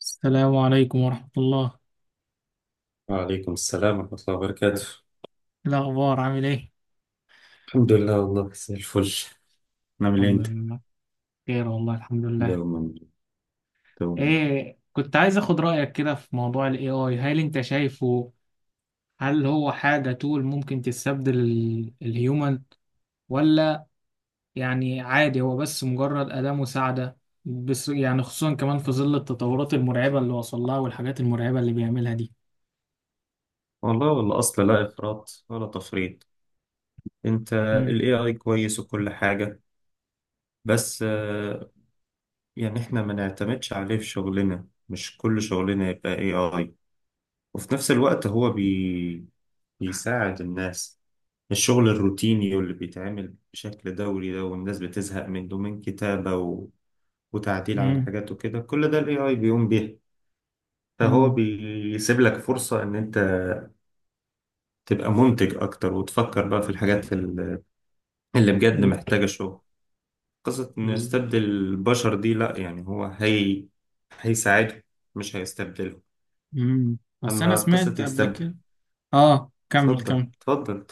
السلام عليكم ورحمة الله. وعليكم السلام ورحمة الله وبركاته. إيه الأخبار عامل إيه؟ الحمد لله، والله زي الفل. نعمل إيه الحمد أنت؟ لله، خير والله الحمد لله. دوما دوما. إيه، كنت عايز أخد رأيك كده في موضوع ال AI. هل أنت شايفه؟ هل هو حاجة تول ممكن تستبدل الهيومن، ولا يعني عادي هو بس مجرد أداة مساعدة؟ بس يعني خصوصا كمان في ظل التطورات المرعبة اللي وصل لها والحاجات المرعبة اللي بيعملها دي. والله والله أصلا لا إفراط ولا تفريط. أنت، مم. ال AI كويس وكل حاجة، بس يعني إحنا ما نعتمدش عليه في شغلنا، مش كل شغلنا يبقى AI. وفي نفس الوقت بيساعد الناس، الشغل الروتيني واللي بيتعمل بشكل دوري ده والناس بتزهق منه، من كتابة وتعديل على مم. حاجات وكده، كل ده ال AI بيقوم بيه. فهو مم. بيسيب لك فرصة إن أنت تبقى منتج أكتر وتفكر بقى في اللي بجد محتاجة شغل. قصة إنه يستبدل البشر دي لأ، يعني هو هي هيساعده مش هيستبدله. مم. بس أنا أما قصة سمعت قبل يستبدل، كده. آه، كمل اتفضل كمل. اتفضل،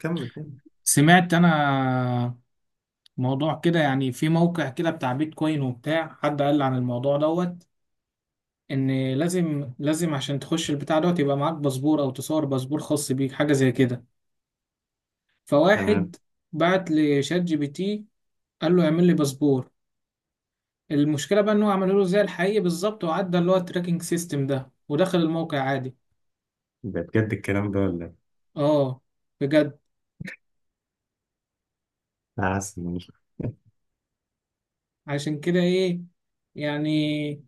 كمل كمل. سمعت انا موضوع كده يعني، في موقع كده بتاع بيتكوين وبتاع، حد قال لي عن الموضوع دوت. ان لازم لازم عشان تخش البتاع دوت يبقى معاك باسبور او تصور باسبور خاص بيك حاجه زي كده. تمام. فواحد بعت لشات جي بي تي، قال له اعمل لي باسبور. المشكله بقى ان هو عمله له زي الحقيقي بالظبط، وعدى اللي هو التراكنج سيستم ده، ودخل الموقع عادي. يبقى بجد الكلام ده ولا إيه؟ اه بجد. أنا حاسس إنه مش- عشان كده ايه يعني،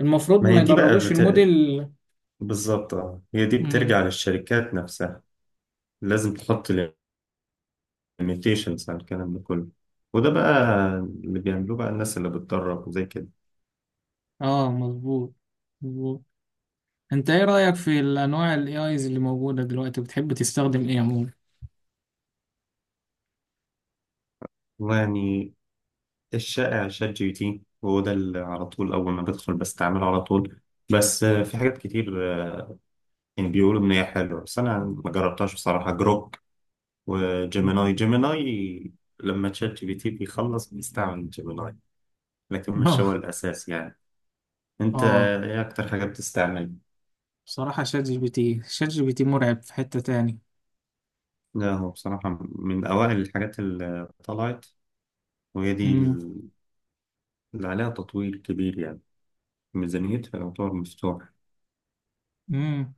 المفروض ما هي ما دي بقى يدربوش بت... الموديل. بالظبط، اه، هي دي بترجع مم. للشركات نفسها. لازم تحط الميوتيشنز على الكلام ده كله، وده بقى اللي بيعملوه بقى الناس اللي بتدرب وزي كده. اه مظبوط مظبوط. انت ايه رأيك في الانواع الاي ايز اللي موجودة دلوقتي؟ بتحب تستخدم ايه عموما؟ والله يعني الشائع شات جي بي تي، وهو ده اللي على طول أول ما بدخل بستعمله على طول. بس في حاجات كتير، يعني بيقولوا إن هي حلوة، بس أنا ما جربتهاش بصراحة. جروك، وجيميناي جيميناي لما تشات جي بي تي بيخلص بيستعمل جيميناي، لكن مش هو اه الأساس يعني. أنت اه، إيه أكتر حاجة بتستعمل؟ بصراحة شات جي بي تي شات جي بي تي مرعب في حتة تاني. لا، هو بصراحة من أوائل الحاجات اللي طلعت، وهي دي امم. اللي عليها تطويل كبير يعني، ميزانيتها يعتبر مفتوح. امم.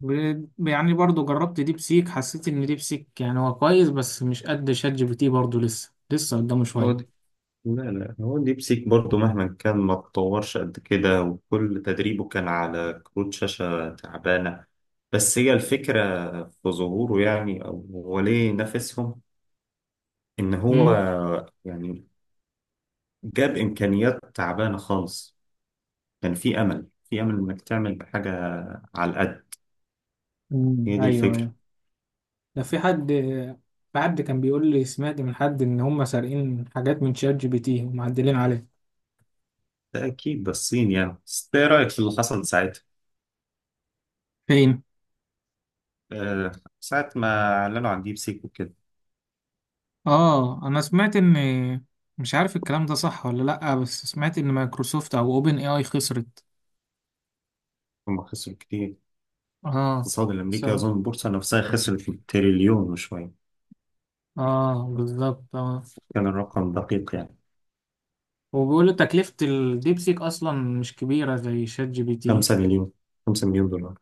يعني برضو جربت ديب سيك، حسيت ان ديب سيك يعني هو كويس بس مش قد شات جي بي تي، برضو لسه لسه قدامه هو دي، شوية. لا لا، هو ديب سيك برضه مهما كان ما اتطورش قد كده، وكل تدريبه كان على كروت شاشة تعبانة. بس هي الفكرة في ظهوره يعني، أو هو ليه نافسهم، إن هو امم. يعني جاب إمكانيات تعبانة خالص، كان في أمل إنك تعمل بحاجة على القد. امم. هي دي ايوه الفكرة. ايوه. ده في حد، في حد كان بيقول لي، سمعت من حد ان هم سارقين حاجات من شات جي بي تي ومعدلين عليه. ده أكيد ده الصين يعني. بس إيه رأيك في اللي حصل ساعتها؟ فين؟ أه، ساعة ما أعلنوا عن ديب سيك وكده، اه انا سمعت ان، مش عارف الكلام ده صح ولا لا، بس سمعت ان مايكروسوفت او اوبن اي اي خسرت. هم خسروا كتير. اه. اقتصاد الأمريكي، سبب. أظن البورصة نفسها خسرت تريليون وشوية. اه بالظبط اه. كان الرقم دقيق يعني. وبيقولوا تكلفة الديبسيك اصلا مش كبيرة زي شات جي بي تي. خمسة مليون خمسة مليون دولار،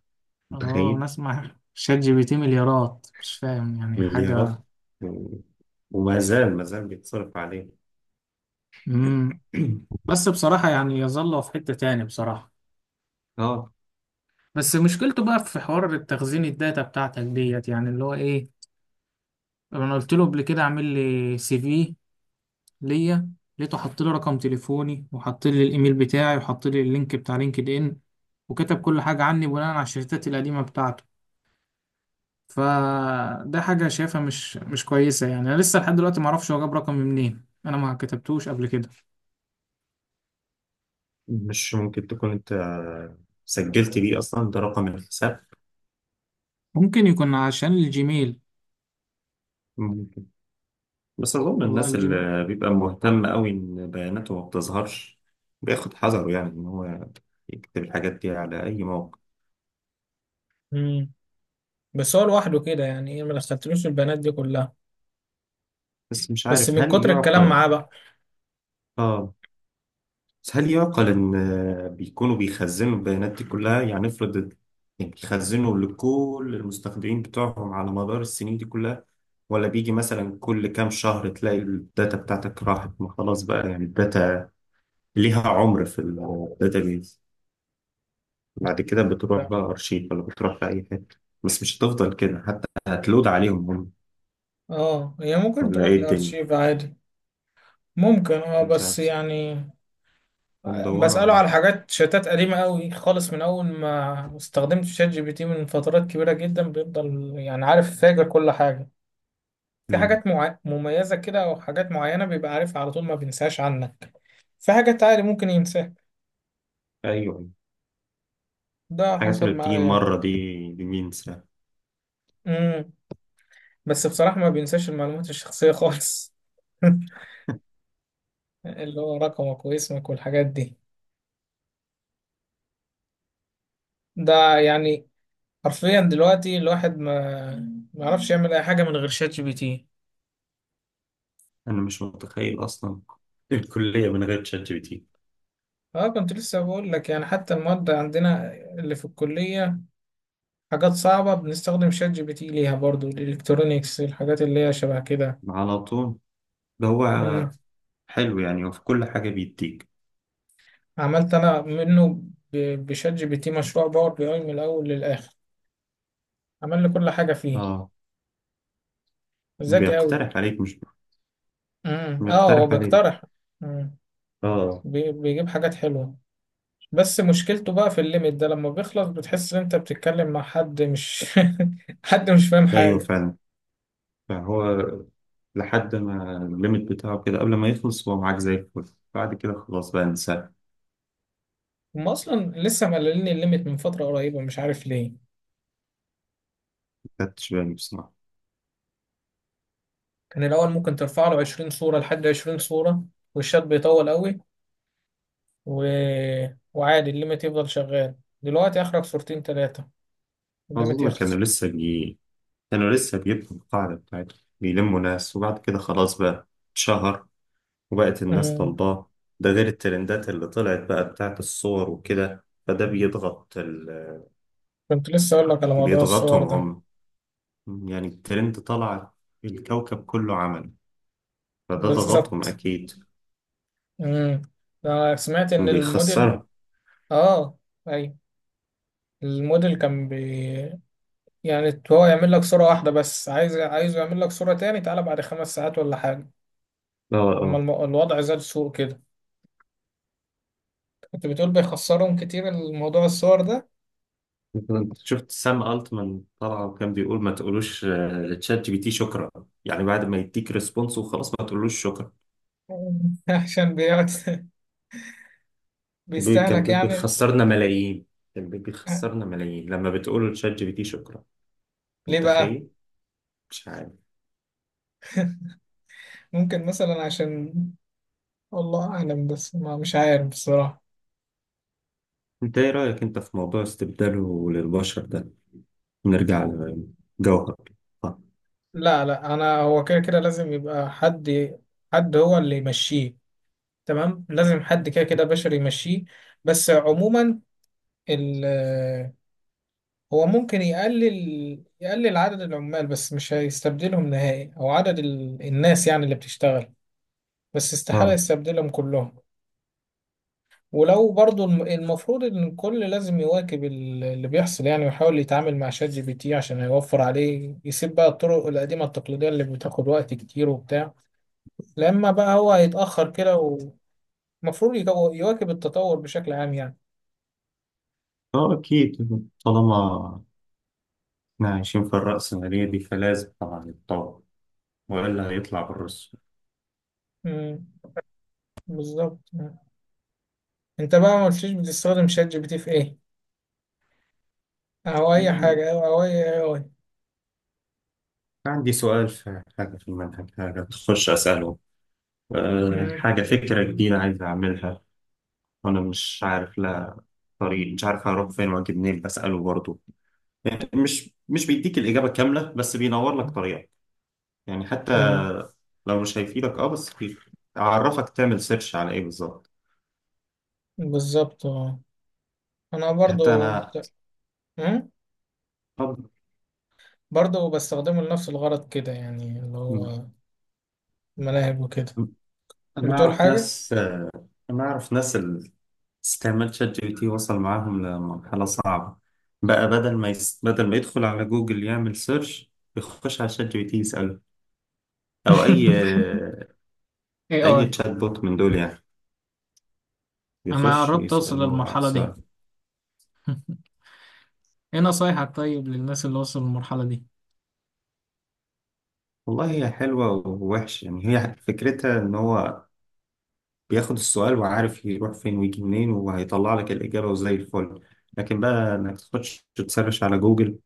اه متخيل؟ نسمع شات جي بي تي مليارات، مش فاهم يعني مليارات حاجة. و- وما زال ما زال بيتصرف عليه. امم. بس بصراحة يعني يظل في حتة تاني بصراحة. اه، بس مشكلته بقى في حوار التخزين، الداتا بتاعتك ديت يعني، اللي هو ايه، انا قلت له قبل كده اعمل لي سي في ليا، لقيته حط لي رقم تليفوني وحط لي الايميل بتاعي وحط لي اللينك بتاع لينكد ان، وكتب كل حاجه عني بناء على الشركات القديمه بتاعته. فده حاجه شايفها مش كويسه يعني. انا لسه لحد دلوقتي ما اعرفش هو جاب رقمي منين، انا ما كتبتوش قبل كده. مش ممكن تكون انت سجلت بيه اصلا ده رقم الحساب؟ ممكن يكون عشان الجيميل. ممكن. بس اظن يبقى الناس الجيميل. اللي بيبقى مهتم قوي ان بياناته ما بتظهرش بياخد حذره، يعني ان هو يكتب الحاجات دي على اي موقع. امم. بس هو لوحده كده يعني ايه، ما دخلتلوش البنات دي كلها. بس مش بس عارف من هل كتر الكلام يعقل؟ معاه بقى. اه. بس هل يعقل إن بيكونوا بيخزنوا البيانات دي كلها؟ يعني افرض ال-، يعني بيخزنوا لكل المستخدمين بتوعهم على مدار السنين دي كلها، ولا بيجي مثلا كل كام شهر تلاقي الداتا بتاعتك راحت؟ ما خلاص بقى، يعني الداتا ليها عمر في الداتابيز. بعد كده بتروح لا، بقى أرشيف، ولا بتروح لأي حتة؟ بس مش هتفضل كده، حتى هتلود عليهم هم. اه هي ممكن ولا تروح إيه الدنيا؟ الارشيف عادي. ممكن اه، مش بس عارف، يعني، بندوروا بسأله عليه. على حاجات شتات قديمة قوي خالص من أول ما استخدمت شات جي بي تي، من فترات كبيرة جدا بيفضل يعني عارف فاجر كل حاجة. في مم. حاجات مميزة كده أو حاجات معينة بيبقى عارفها على طول، ما بينساش عنك. في حاجات عادي ممكن ينساها. أيوه. ده الحاجات حصل اللي بتيجي معايا. مرة دي، دي مين؟ امم. بس بصراحة ما بينساش المعلومات الشخصية خالص، اللي هو رقمك واسمك والحاجات دي. ده يعني حرفيا دلوقتي الواحد ما ما يعرفش يعمل أي حاجة من غير شات جي بي تي. انا مش متخيل اصلا الكلية من غير شات جي بي تي. اه كنت لسه بقول لك يعني، حتى المواد عندنا اللي في الكلية، حاجات صعبة بنستخدم شات جي بي تي ليها برضو، الالكترونيكس الحاجات اللي هي شبه كده. على طول ده مم. هو. حلو يعني، وفي كل حاجة بيديك. عملت انا منه، بشات جي بي تي، مشروع باور بي اي من الاول للاخر، عمل لي كل حاجة فيه. اه، ذكي قوي. بيقترح عليك، مش مم. اه هو بيقترح عليك؟ بيقترح. مم. اه. بيجيب حاجات حلوة. بس مشكلته بقى في الليميت ده، لما بيخلص بتحس ان انت بتتكلم مع حد مش حد مش فاهم ايوه حاجة. فعلا، فهو لحد ما الليميت بتاعه كده قبل ما يخلص هو معاك زي الفل، بعد كده خلاص بقى انساه. هم اصلا لسه مقللين الليميت من فترة قريبة، مش عارف ليه. ما خدتش بالي بصراحة. كان الأول ممكن ترفع له 20 صورة، لحد 20 صورة، والشات بيطول قوي و... وعادي الليميت يفضل شغال. دلوقتي آخرك صورتين تلاتة، الليميت أظن كانوا يخلص. لسه بي كانوا لسه بيبنوا القاعدة بتاعتهم، بيلموا ناس، وبعد كده خلاص بقى اتشهر وبقت الناس أمم. طالباه. ده غير الترندات اللي طلعت بقى بتاعت الصور وكده، كنت لسه أقول لك على موضوع الصور بيضغطهم ده. هم. يعني الترند طلع، الكوكب كله عمل، فده ضغطهم بالظبط. أكيد. أمم. أنا سمعت إن الموديل، بيخسرهم. آه أي الموديل كان بي، يعني هو يعمل لك صورة واحدة بس، عايزه يعمل لك صورة تاني تعالى بعد 5 ساعات ولا حاجة. اه لما اه. الوضع زاد سوء كده، كنت بتقول بيخسرهم كتير الموضوع الصور ده. انت شفت سام التمان طلع وكان بيقول ما تقولوش لتشات جي بي تي شكرا؟ يعني بعد ما يديك ريسبونس وخلاص، ما تقولوش شكرا. عشان بيقعد بيستهلك يعني. بيخسرنا ملايين. لما بتقولوا لتشات جي بي تي شكرا. انت ليه بقى؟ متخيل؟ مش عارف. ممكن مثلا عشان، والله اعلم، بس ما مش عارف بصراحة. انت ايه رأيك انت في موضوع استبداله للبشر ده؟ نرجع لجوهر. اه لا لا انا، هو كده كده لازم يبقى حد هو اللي يمشيه، تمام. لازم حد كده كده بشري يمشيه. بس عموما ال، هو ممكن يقلل عدد العمال بس مش هيستبدلهم نهائي، او عدد الناس يعني اللي بتشتغل، بس استحالة اه. يستبدلهم كلهم. ولو برضو المفروض ان الكل لازم يواكب اللي بيحصل يعني، ويحاول يتعامل مع شات جي بي تي عشان يوفر عليه، يسيب بقى الطرق القديمة التقليدية اللي بتاخد وقت كتير وبتاع. لما بقى هو هيتأخر كده، ومفروض يواكب التطور بشكل عام يعني. اكيد. طالما احنا عايشين في الرأسمالية دي فلازم طبعا يتطور، والا هيطلع بالرسم. امم. بالظبط. مم. انت بقى ما قلتليش بتستخدم شات جي بي تي في ايه، او اي آه، حاجة او اي اي اي. عندي سؤال في حاجة في المنهج، حاجة تخش أسأله. امم. حاجة فكرة جديدة عايز أعملها وأنا مش عارف لها طريق، مش عارف هروح فين وأجي منين، بسأله برضه. يعني مش بيديك الإجابة كاملة، بس بينور لك طريقة. يعني حتى امم. لو مش هيفيدك اه، بس اعرفك تعمل سيرش على ايه بالظبط. بالظبط اه. انا حتى برضو. انا امم. طب برضو بستخدمه لنفس الغرض كده يعني، اللي م- هو ملاعب وكده. م- انا بتقول اعرف حاجة؟ ناس. اللي استعمال شات جي بي تي وصل معاهم لمرحلة صعبة. بقى بدل ما يدخل على جوجل يعمل سيرش، يخش على شات جي بي تي يسأله. او اي، اي اي اي. تشات بوت من دول يعني، انا يخش قربت اوصل يسأله على للمرحله دي. السؤال. ايه نصايحك طيب للناس اللي وصلوا للمرحله دي؟ والله هي حلوة ووحش، يعني هي فكرتها ان هو بياخد السؤال وعارف يروح فين ويجي منين، وهيطلع لك الإجابة وزي الفل. لكن بقى إنك تخش تسرش على جوجل،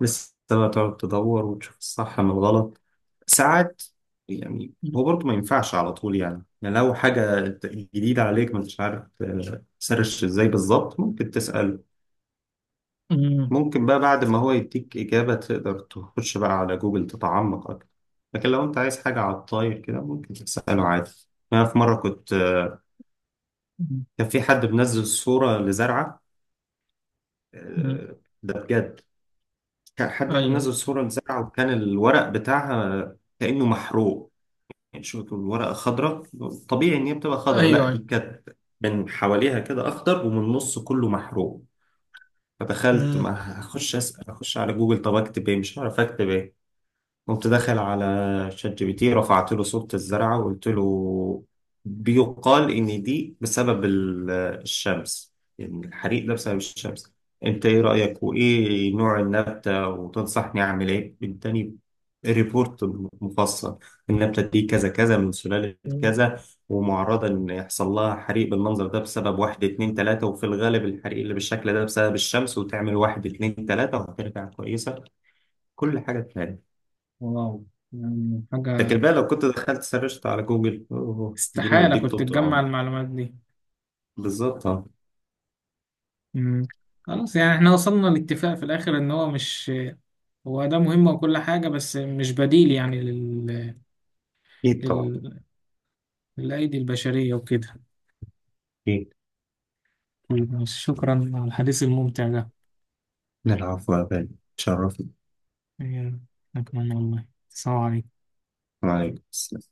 لسه بقى تقعد تدور وتشوف الصح من الغلط ساعات. يعني هو برضه ما ينفعش على طول، يعني يعني لو حاجة جديدة عليك ما انتش عارف تسرش ازاي بالظبط، ممكن تسأل. مم. ممكن بقى بعد ما هو يديك إجابة تقدر تخش بقى على جوجل تتعمق أكتر، لكن لو أنت عايز حاجة على الطاير كده ممكن تسأله عادي. أنا في مرة كنت، مم. كان في حد منزل صورة لزرعة، مم. ده بجد، كان حد ايوه منزل صورة لزرعة وكان الورق بتاعها كأنه محروق. يعني شوف الورقة خضراء، طبيعي إن هي بتبقى خضراء، لا ايوه دي ايوه. كانت من حواليها كده أخضر ومن النص كله محروق. فدخلت، مم. ما هخش أسأل، أخش على جوجل طب أكتب إيه؟ مش هعرف أكتب إيه. قمت داخل على شات جي بي تي، رفعت له صورة الزرعة وقلت له بيقال إن دي بسبب الشمس، يعني الحريق ده بسبب الشمس، أنت إيه رأيك وإيه نوع النبتة وتنصحني أعمل إيه؟ إداني ريبورت مفصل: النبتة دي كذا كذا من سلالة مم. كذا، ومعرضة إن يحصل لها حريق بالمنظر ده بسبب واحد اتنين تلاتة، وفي الغالب الحريق اللي بالشكل ده بسبب الشمس، وتعمل واحد اتنين تلاتة وهترجع كويسة. كل حاجة تمام. واو. يعني حاجه، لكن بقى لو كنت دخلت سرشت على جوجل، اوه، اديني استحاله واديك كنت طول تجمع العمر. المعلومات دي. بالظبط، اه. مم. خلاص، يعني احنا وصلنا لاتفاق في الاخر ان هو مش، هو ده مهم وكل حاجه بس مش بديل يعني اكيد طبعا، لل... للايدي البشريه وكده. اكيد. طيب، شكرا على الحديث الممتع ده. نلعب بقى، تشرفني. يا، أنا كمان والله. السلام عليكم. وعليكم السلام.